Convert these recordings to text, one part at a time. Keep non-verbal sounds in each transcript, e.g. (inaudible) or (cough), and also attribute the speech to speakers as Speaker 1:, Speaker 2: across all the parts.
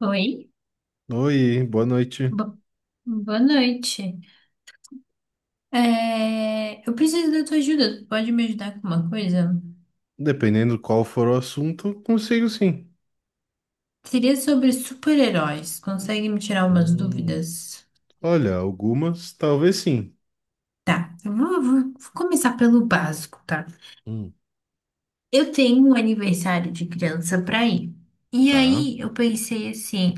Speaker 1: Oi,
Speaker 2: Oi, boa noite.
Speaker 1: bo- boa noite. É, eu preciso da tua ajuda. Tu pode me ajudar com uma coisa?
Speaker 2: Dependendo qual for o assunto, consigo sim.
Speaker 1: Seria sobre super-heróis. Consegue me tirar umas
Speaker 2: Hum,
Speaker 1: dúvidas?
Speaker 2: Olha, algumas talvez sim.
Speaker 1: Tá, eu vou começar pelo básico, tá?
Speaker 2: Hum,
Speaker 1: Eu tenho um aniversário de criança pra ir. E
Speaker 2: tá.
Speaker 1: aí eu pensei assim: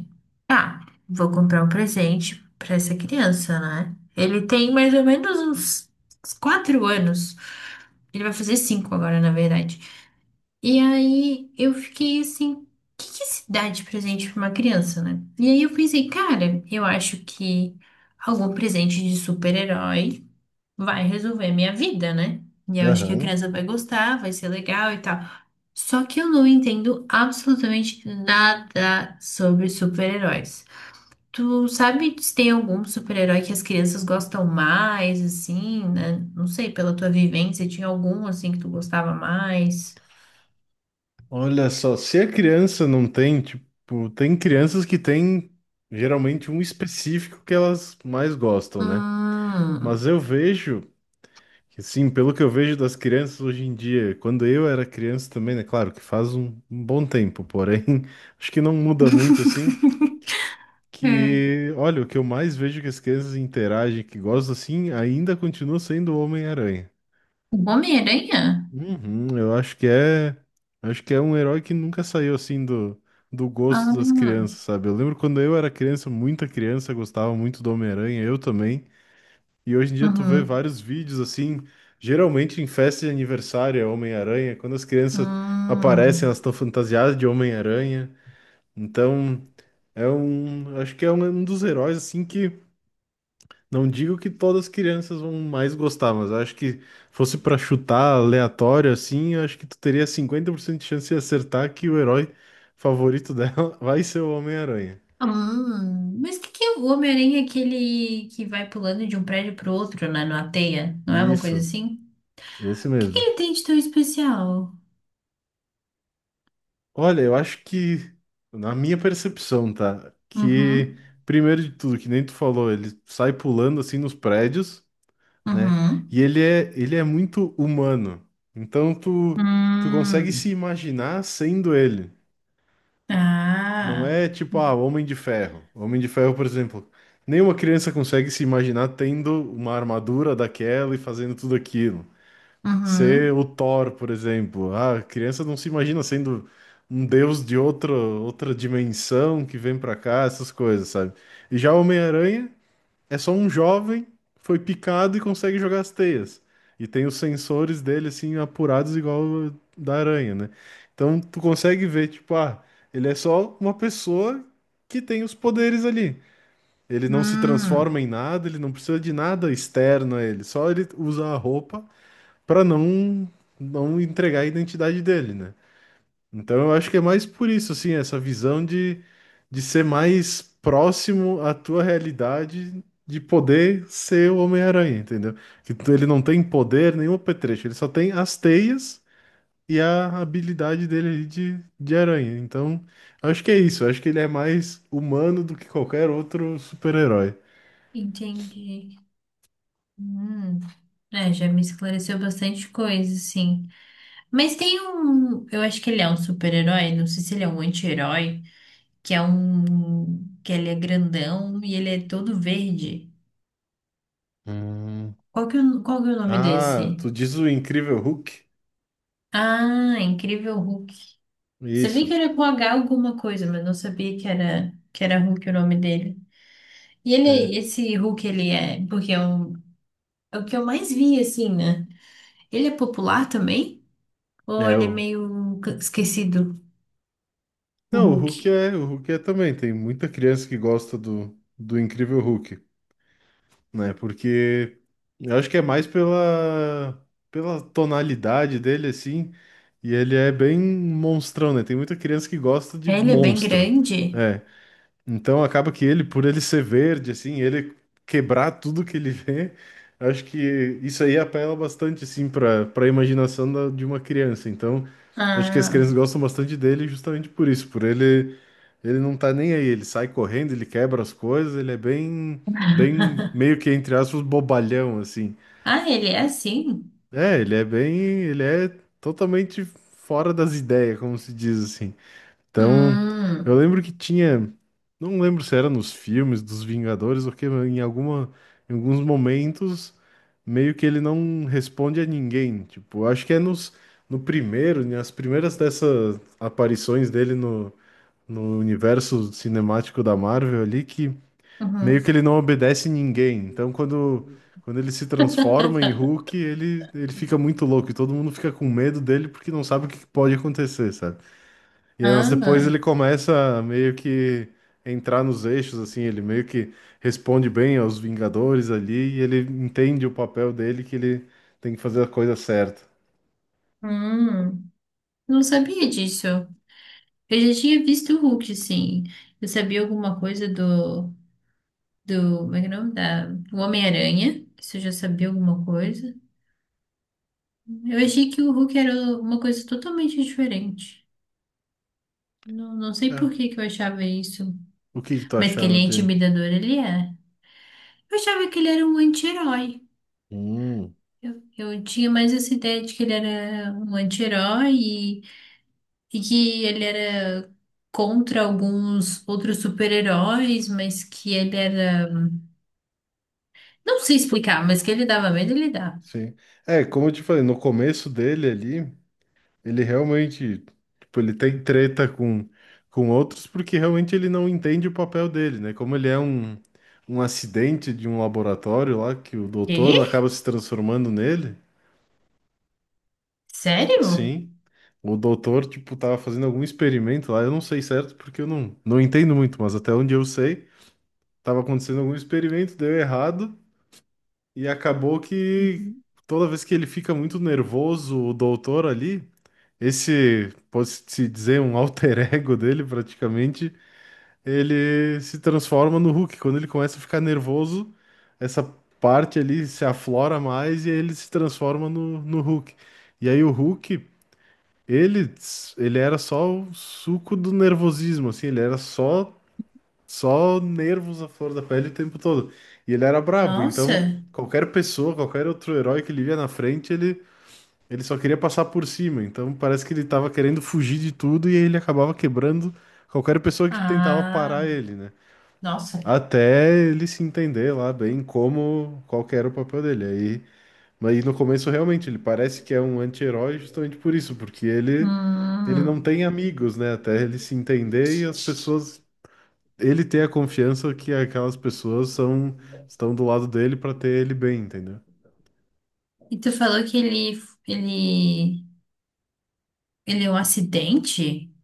Speaker 1: tá, vou comprar um presente pra essa criança, né? Ele tem mais ou menos uns quatro anos. Ele vai fazer cinco agora, na verdade. E aí eu fiquei assim, o que se dá de presente pra uma criança, né? E aí eu pensei, cara, eu acho que algum presente de super-herói vai resolver minha vida, né? E eu acho que a
Speaker 2: Aham.
Speaker 1: criança vai gostar, vai ser legal e tal. Só que eu não entendo absolutamente nada sobre super-heróis. Tu sabe se tem algum super-herói que as crianças gostam mais, assim, né? Não sei, pela tua vivência, tinha algum assim que tu gostava mais?
Speaker 2: Olha só, se a criança não tem, tipo, tem crianças que têm geralmente um específico que elas mais gostam, né? Mas
Speaker 1: Hum.
Speaker 2: eu vejo, que, assim, pelo que eu vejo das crianças hoje em dia, quando eu era criança também, né? Claro que faz um bom tempo, porém, (laughs) acho que não muda muito assim.
Speaker 1: (laughs) É.
Speaker 2: Que, olha, o que eu mais vejo que as crianças interagem, que gostam assim, ainda continua sendo o Homem-Aranha.
Speaker 1: O Homem-Aranha?
Speaker 2: Uhum, eu acho que é um herói que nunca saiu assim do gosto das
Speaker 1: Ah,
Speaker 2: crianças, sabe? Eu lembro quando eu era criança, muita criança gostava muito do Homem-Aranha, eu também. E hoje em dia tu vê
Speaker 1: uhum.
Speaker 2: vários vídeos assim, geralmente em festa de aniversário é Homem-Aranha, quando as crianças aparecem, elas
Speaker 1: Hum.
Speaker 2: estão fantasiadas de Homem-Aranha. Então, é um, acho que é um dos heróis assim que não digo que todas as crianças vão mais gostar, mas eu acho que fosse pra chutar aleatório assim, eu acho que tu teria 50% de chance de acertar que o herói favorito dela (laughs) vai ser o Homem-Aranha.
Speaker 1: Hum. Mas o que que é o Homem-Aranha, aquele que vai pulando de um prédio pro outro, né? Numa teia? Não é uma coisa
Speaker 2: Isso,
Speaker 1: assim?
Speaker 2: esse
Speaker 1: O que que
Speaker 2: mesmo.
Speaker 1: ele tem de tão especial?
Speaker 2: Olha, eu acho que, na minha percepção, tá? Que,
Speaker 1: Uhum.
Speaker 2: primeiro de tudo, que nem tu falou, ele sai pulando assim nos prédios, né?
Speaker 1: Uhum.
Speaker 2: E ele é muito humano. Então tu consegue
Speaker 1: Hum.
Speaker 2: se imaginar sendo ele. Não
Speaker 1: Ah.
Speaker 2: é tipo, ah, Homem de Ferro. Homem de Ferro, por exemplo, nenhuma criança consegue se imaginar tendo uma armadura daquela e fazendo tudo aquilo. Ser
Speaker 1: Uhum.
Speaker 2: o Thor, por exemplo. Ah, a criança não se imagina sendo um deus de outra dimensão que vem pra cá, essas coisas, sabe? E já o Homem-Aranha. É só um jovem, que foi picado e consegue jogar as teias. E tem os sensores dele, assim, apurados igual o da aranha, né? Então tu consegue ver, tipo, ah, ele é só uma pessoa que tem os poderes ali. Ele não se
Speaker 1: Hum.
Speaker 2: transforma em nada, ele não precisa de nada externo a ele. Só ele usa a roupa pra não, não entregar a identidade dele, né? Então eu acho que é mais por isso, assim, essa visão de, ser mais próximo à tua realidade, de poder ser o Homem-Aranha, entendeu? Que tu- ele não tem poder nenhum apetrecho, ele só tem as teias e a habilidade dele ali de aranha. Então, eu acho que é isso, eu acho que ele é mais humano do que qualquer outro super-herói.
Speaker 1: Entendi. Hum. É, já me esclareceu bastante coisa, sim. Mas tem um, eu acho que ele é um super-herói, não sei se ele é um anti-herói, que é um, que ele é grandão e ele é todo verde.
Speaker 2: Hum.
Speaker 1: Qual que é o nome desse?
Speaker 2: Ah, tu diz o Incrível Hulk?
Speaker 1: Ah, Incrível Hulk. Sabia
Speaker 2: Isso.
Speaker 1: que era com H alguma coisa, mas não sabia que era Hulk o nome dele. E
Speaker 2: É.
Speaker 1: ele, esse Hulk, ele é. Porque é, um, é o que eu mais vi, assim, né? Ele é popular também? Ou
Speaker 2: É
Speaker 1: ele é
Speaker 2: o
Speaker 1: meio esquecido, o
Speaker 2: Não, o Hulk
Speaker 1: Hulk?
Speaker 2: é, o Hulk é também. Tem muita criança que gosta do, Incrível Hulk, né? Porque eu acho que é mais pela tonalidade dele, assim. E ele é bem monstrão, né? Tem muita criança que gosta de
Speaker 1: É, ele é bem
Speaker 2: monstro.
Speaker 1: grande?
Speaker 2: É, então acaba que ele, por ele ser verde, assim, ele quebrar tudo que ele vê, acho que isso aí apela bastante, assim, para a imaginação da- de uma criança. Então acho que as
Speaker 1: Ah.
Speaker 2: crianças gostam bastante dele justamente por isso, por ele não tá nem aí, ele sai correndo, ele quebra as coisas, ele é bem bem meio que entre aspas bobalhão assim.
Speaker 1: Ah, ele é assim?
Speaker 2: É, ele é totalmente fora das ideias, como se diz assim. Então, eu
Speaker 1: Hum.
Speaker 2: lembro que tinha, não lembro se era nos filmes dos Vingadores ou que em alguma, em alguns momentos meio que ele não responde a ninguém. Tipo, acho que é nos no primeiro, nas primeiras dessas aparições dele no no universo cinemático da Marvel ali que
Speaker 1: Uhum.
Speaker 2: meio que ele não obedece ninguém. Então, quando ele se transforma em Hulk, ele fica muito louco e todo mundo fica com medo dele porque não sabe o que que pode acontecer, sabe? E anos depois
Speaker 1: Ah,
Speaker 2: ele começa a meio que entrar nos eixos, assim, ele meio que responde bem aos Vingadores ali e ele entende o papel dele que ele tem que fazer a coisa certa.
Speaker 1: hum. Não sabia disso. Eu já tinha visto o Hulk, sim. Eu sabia alguma coisa do. Do. Como é que é o nome? Do Homem-Aranha. Isso eu já sabia alguma coisa. Eu achei que o Hulk era uma coisa totalmente diferente. Não, não sei por
Speaker 2: É.
Speaker 1: que que eu achava isso.
Speaker 2: O que que tu
Speaker 1: Mas que ele
Speaker 2: achava
Speaker 1: é
Speaker 2: dele?
Speaker 1: intimidador, ele é. Eu achava que ele era um anti-herói.
Speaker 2: Hum,
Speaker 1: Eu tinha mais essa ideia de que ele era um anti-herói e que ele era contra alguns outros super-heróis, mas que ele era. Não sei explicar, mas que ele dava medo, ele dava.
Speaker 2: sim. É, como eu te falei, no começo dele ali, ele realmente, tipo, ele tem treta com, outros porque realmente ele não entende o papel dele, né? Como ele é um acidente de um laboratório lá, que o doutor acaba
Speaker 1: Quê?
Speaker 2: se transformando nele.
Speaker 1: Sério?
Speaker 2: Sim. O doutor, tipo, tava fazendo algum experimento lá, eu não sei certo, porque eu não entendo muito, mas até onde eu sei, tava acontecendo algum experimento, deu errado, e acabou que
Speaker 1: Uhum.
Speaker 2: toda vez que ele fica muito nervoso, o doutor ali, esse, pode-se dizer, um alter (laughs) ego dele praticamente, ele se transforma no Hulk. Quando ele começa a ficar nervoso, essa parte ali se aflora mais e ele se transforma no, no Hulk. E aí o Hulk. Ele, ele era só o suco do nervosismo, assim, ele era só nervos à flor da pele o tempo todo. E ele era brabo, então
Speaker 1: Nossa.
Speaker 2: qualquer pessoa, qualquer outro herói que ele via na frente, ele só queria passar por cima. Então parece que ele tava querendo fugir de tudo e aí ele acabava quebrando qualquer pessoa que tentava parar
Speaker 1: Ah,
Speaker 2: ele, né?
Speaker 1: nossa.
Speaker 2: Até ele se entender lá bem como qual que era o papel dele. Aí mas no começo, realmente, ele parece que é um anti-herói justamente por isso, porque ele
Speaker 1: Hum.
Speaker 2: não tem amigos, né? Até ele se entender e as pessoas. Ele tem a confiança que aquelas pessoas são, estão do lado dele para ter ele bem, entendeu?
Speaker 1: E tu falou que ele, ele é um acidente?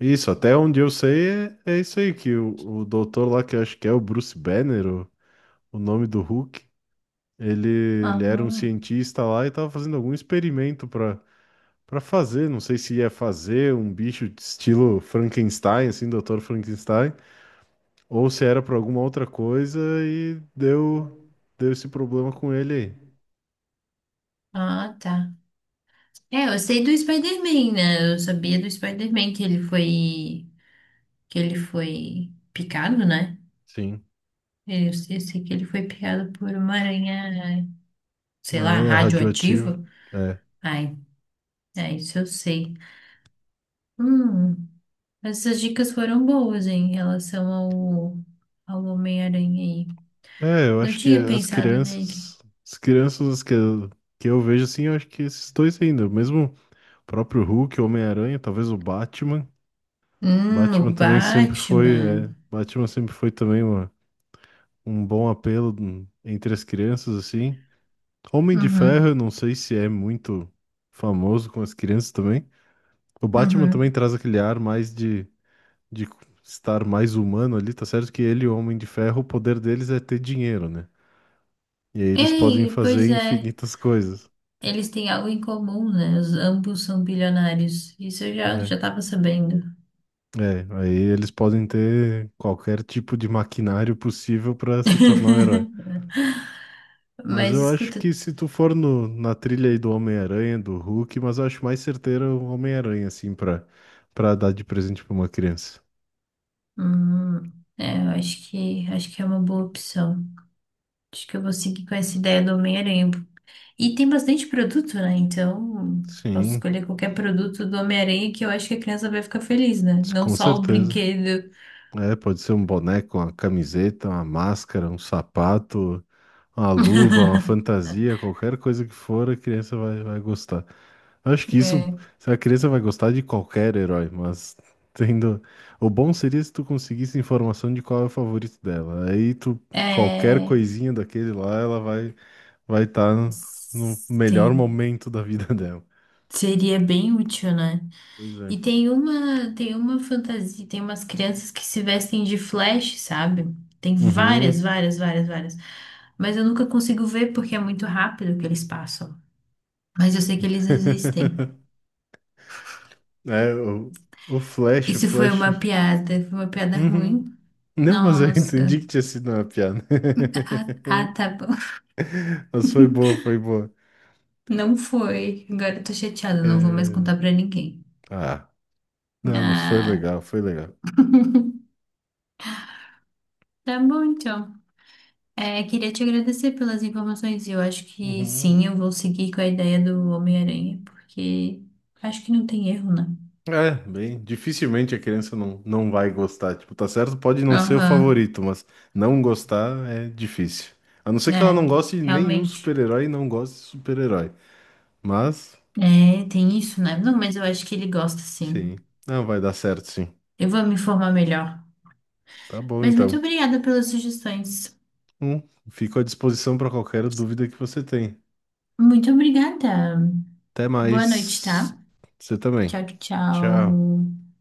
Speaker 2: Isso, até onde eu sei é, isso aí, que o doutor lá, que eu acho que é o Bruce Banner, o nome do Hulk, ele, ele era um
Speaker 1: Ah,
Speaker 2: cientista lá e estava fazendo algum experimento para fazer, não sei se ia fazer um bicho de estilo Frankenstein, assim, doutor Frankenstein, ou se era por alguma outra coisa e deu esse problema com ele aí.
Speaker 1: ah, tá. É, eu sei do Spider-Man, né? Eu sabia do Spider-Man que ele foi picado, né?
Speaker 2: Sim,
Speaker 1: É, eu, sei que ele foi picado por uma aranha, sei
Speaker 2: uma
Speaker 1: lá,
Speaker 2: aranha radioativa.
Speaker 1: radioativa.
Speaker 2: É.
Speaker 1: Ai, é isso eu sei. Hum, essas dicas foram boas em relação ao, ao Homem-Aranha aí.
Speaker 2: É, eu
Speaker 1: Não
Speaker 2: acho que
Speaker 1: tinha
Speaker 2: as
Speaker 1: pensado nele.
Speaker 2: crianças, as crianças que eu, vejo assim, eu acho que esses dois ainda, mesmo o próprio Hulk, Homem-Aranha, talvez o Batman.
Speaker 1: O
Speaker 2: Batman também sempre foi,
Speaker 1: Batman.
Speaker 2: é, Batman sempre foi também uma, um bom apelo entre as crianças assim. Homem de Ferro,
Speaker 1: Uhum,
Speaker 2: eu não sei se é muito famoso com as crianças também. O Batman também
Speaker 1: uhum.
Speaker 2: traz aquele ar mais de estar mais humano ali, tá certo que ele e o Homem de Ferro, o poder deles é ter dinheiro, né? E aí eles podem
Speaker 1: Ei, pois
Speaker 2: fazer
Speaker 1: é.
Speaker 2: infinitas coisas,
Speaker 1: Eles têm algo em comum, né? Os, ambos são bilionários. Isso eu já,
Speaker 2: né?
Speaker 1: já tava sabendo.
Speaker 2: É, aí eles podem ter qualquer tipo de maquinário possível para se tornar um herói.
Speaker 1: (laughs)
Speaker 2: Mas
Speaker 1: Mas
Speaker 2: eu acho
Speaker 1: escuta.
Speaker 2: que se tu for no, na trilha aí do Homem-Aranha, do Hulk, mas eu acho mais certeiro o Homem-Aranha, assim, pra dar de presente pra uma criança.
Speaker 1: Hum, é, eu acho que é uma boa opção. Acho que eu vou seguir com essa ideia do Homem-Aranha. E tem bastante produto, né? Então, posso
Speaker 2: Sim,
Speaker 1: escolher qualquer produto do Homem-Aranha que eu acho que a criança vai ficar feliz, né? Não
Speaker 2: com
Speaker 1: só o
Speaker 2: certeza.
Speaker 1: brinquedo.
Speaker 2: É, pode ser um boneco, uma camiseta, uma máscara, um sapato, uma luva, uma
Speaker 1: (laughs)
Speaker 2: fantasia, qualquer coisa que for, a criança vai gostar. Acho que isso,
Speaker 1: É.
Speaker 2: a criança vai gostar de qualquer herói, mas (laughs) tendo. O bom seria se tu conseguisse informação de qual é o favorito dela. Aí tu, qualquer
Speaker 1: É,
Speaker 2: coisinha daquele lá, ela vai estar no melhor
Speaker 1: se-
Speaker 2: momento da vida (laughs) dela.
Speaker 1: seria bem útil, né?
Speaker 2: Pois é.
Speaker 1: E tem uma fantasia, tem umas crianças que se vestem de Flash, sabe? Tem várias,
Speaker 2: Uhum.
Speaker 1: várias, várias, várias. Mas eu nunca consigo ver porque é muito rápido que eles passam. Mas eu sei que eles existem.
Speaker 2: (laughs) É, o Flash, o
Speaker 1: Isso
Speaker 2: Flash.
Speaker 1: foi uma piada
Speaker 2: Uhum.
Speaker 1: ruim.
Speaker 2: Não, mas eu (laughs)
Speaker 1: Nossa.
Speaker 2: entendi que tinha sido uma piada. (laughs)
Speaker 1: Ah, ah, tá bom.
Speaker 2: Mas foi boa, foi boa.
Speaker 1: (laughs) Não foi. Agora eu tô chateada, não vou mais
Speaker 2: É,
Speaker 1: contar pra ninguém.
Speaker 2: ah, não, mas foi
Speaker 1: Ah,
Speaker 2: legal, foi legal.
Speaker 1: tá bom então. É, queria te agradecer pelas informações. Eu acho que
Speaker 2: Uhum.
Speaker 1: sim, eu vou seguir com a ideia do Homem-Aranha, porque acho que não tem erro, né?
Speaker 2: É, bem, dificilmente a criança não vai gostar. Tipo, tá certo, pode não ser o
Speaker 1: Aham,
Speaker 2: favorito, mas não gostar é difícil. A não ser que ela
Speaker 1: é.
Speaker 2: não goste de nenhum
Speaker 1: Realmente.
Speaker 2: super-herói e não goste de super-herói. Mas,
Speaker 1: É, tem isso, né? Não, mas eu acho que ele gosta sim.
Speaker 2: sim, não vai dar certo, sim.
Speaker 1: Eu vou me informar melhor.
Speaker 2: Tá bom,
Speaker 1: Mas muito
Speaker 2: então.
Speaker 1: obrigada pelas sugestões.
Speaker 2: Hum, Fico à disposição para qualquer dúvida que você tenha.
Speaker 1: Muito obrigada.
Speaker 2: Até
Speaker 1: Boa noite,
Speaker 2: mais.
Speaker 1: tá?
Speaker 2: Você também.
Speaker 1: Tchau,
Speaker 2: Tchau.
Speaker 1: tchau.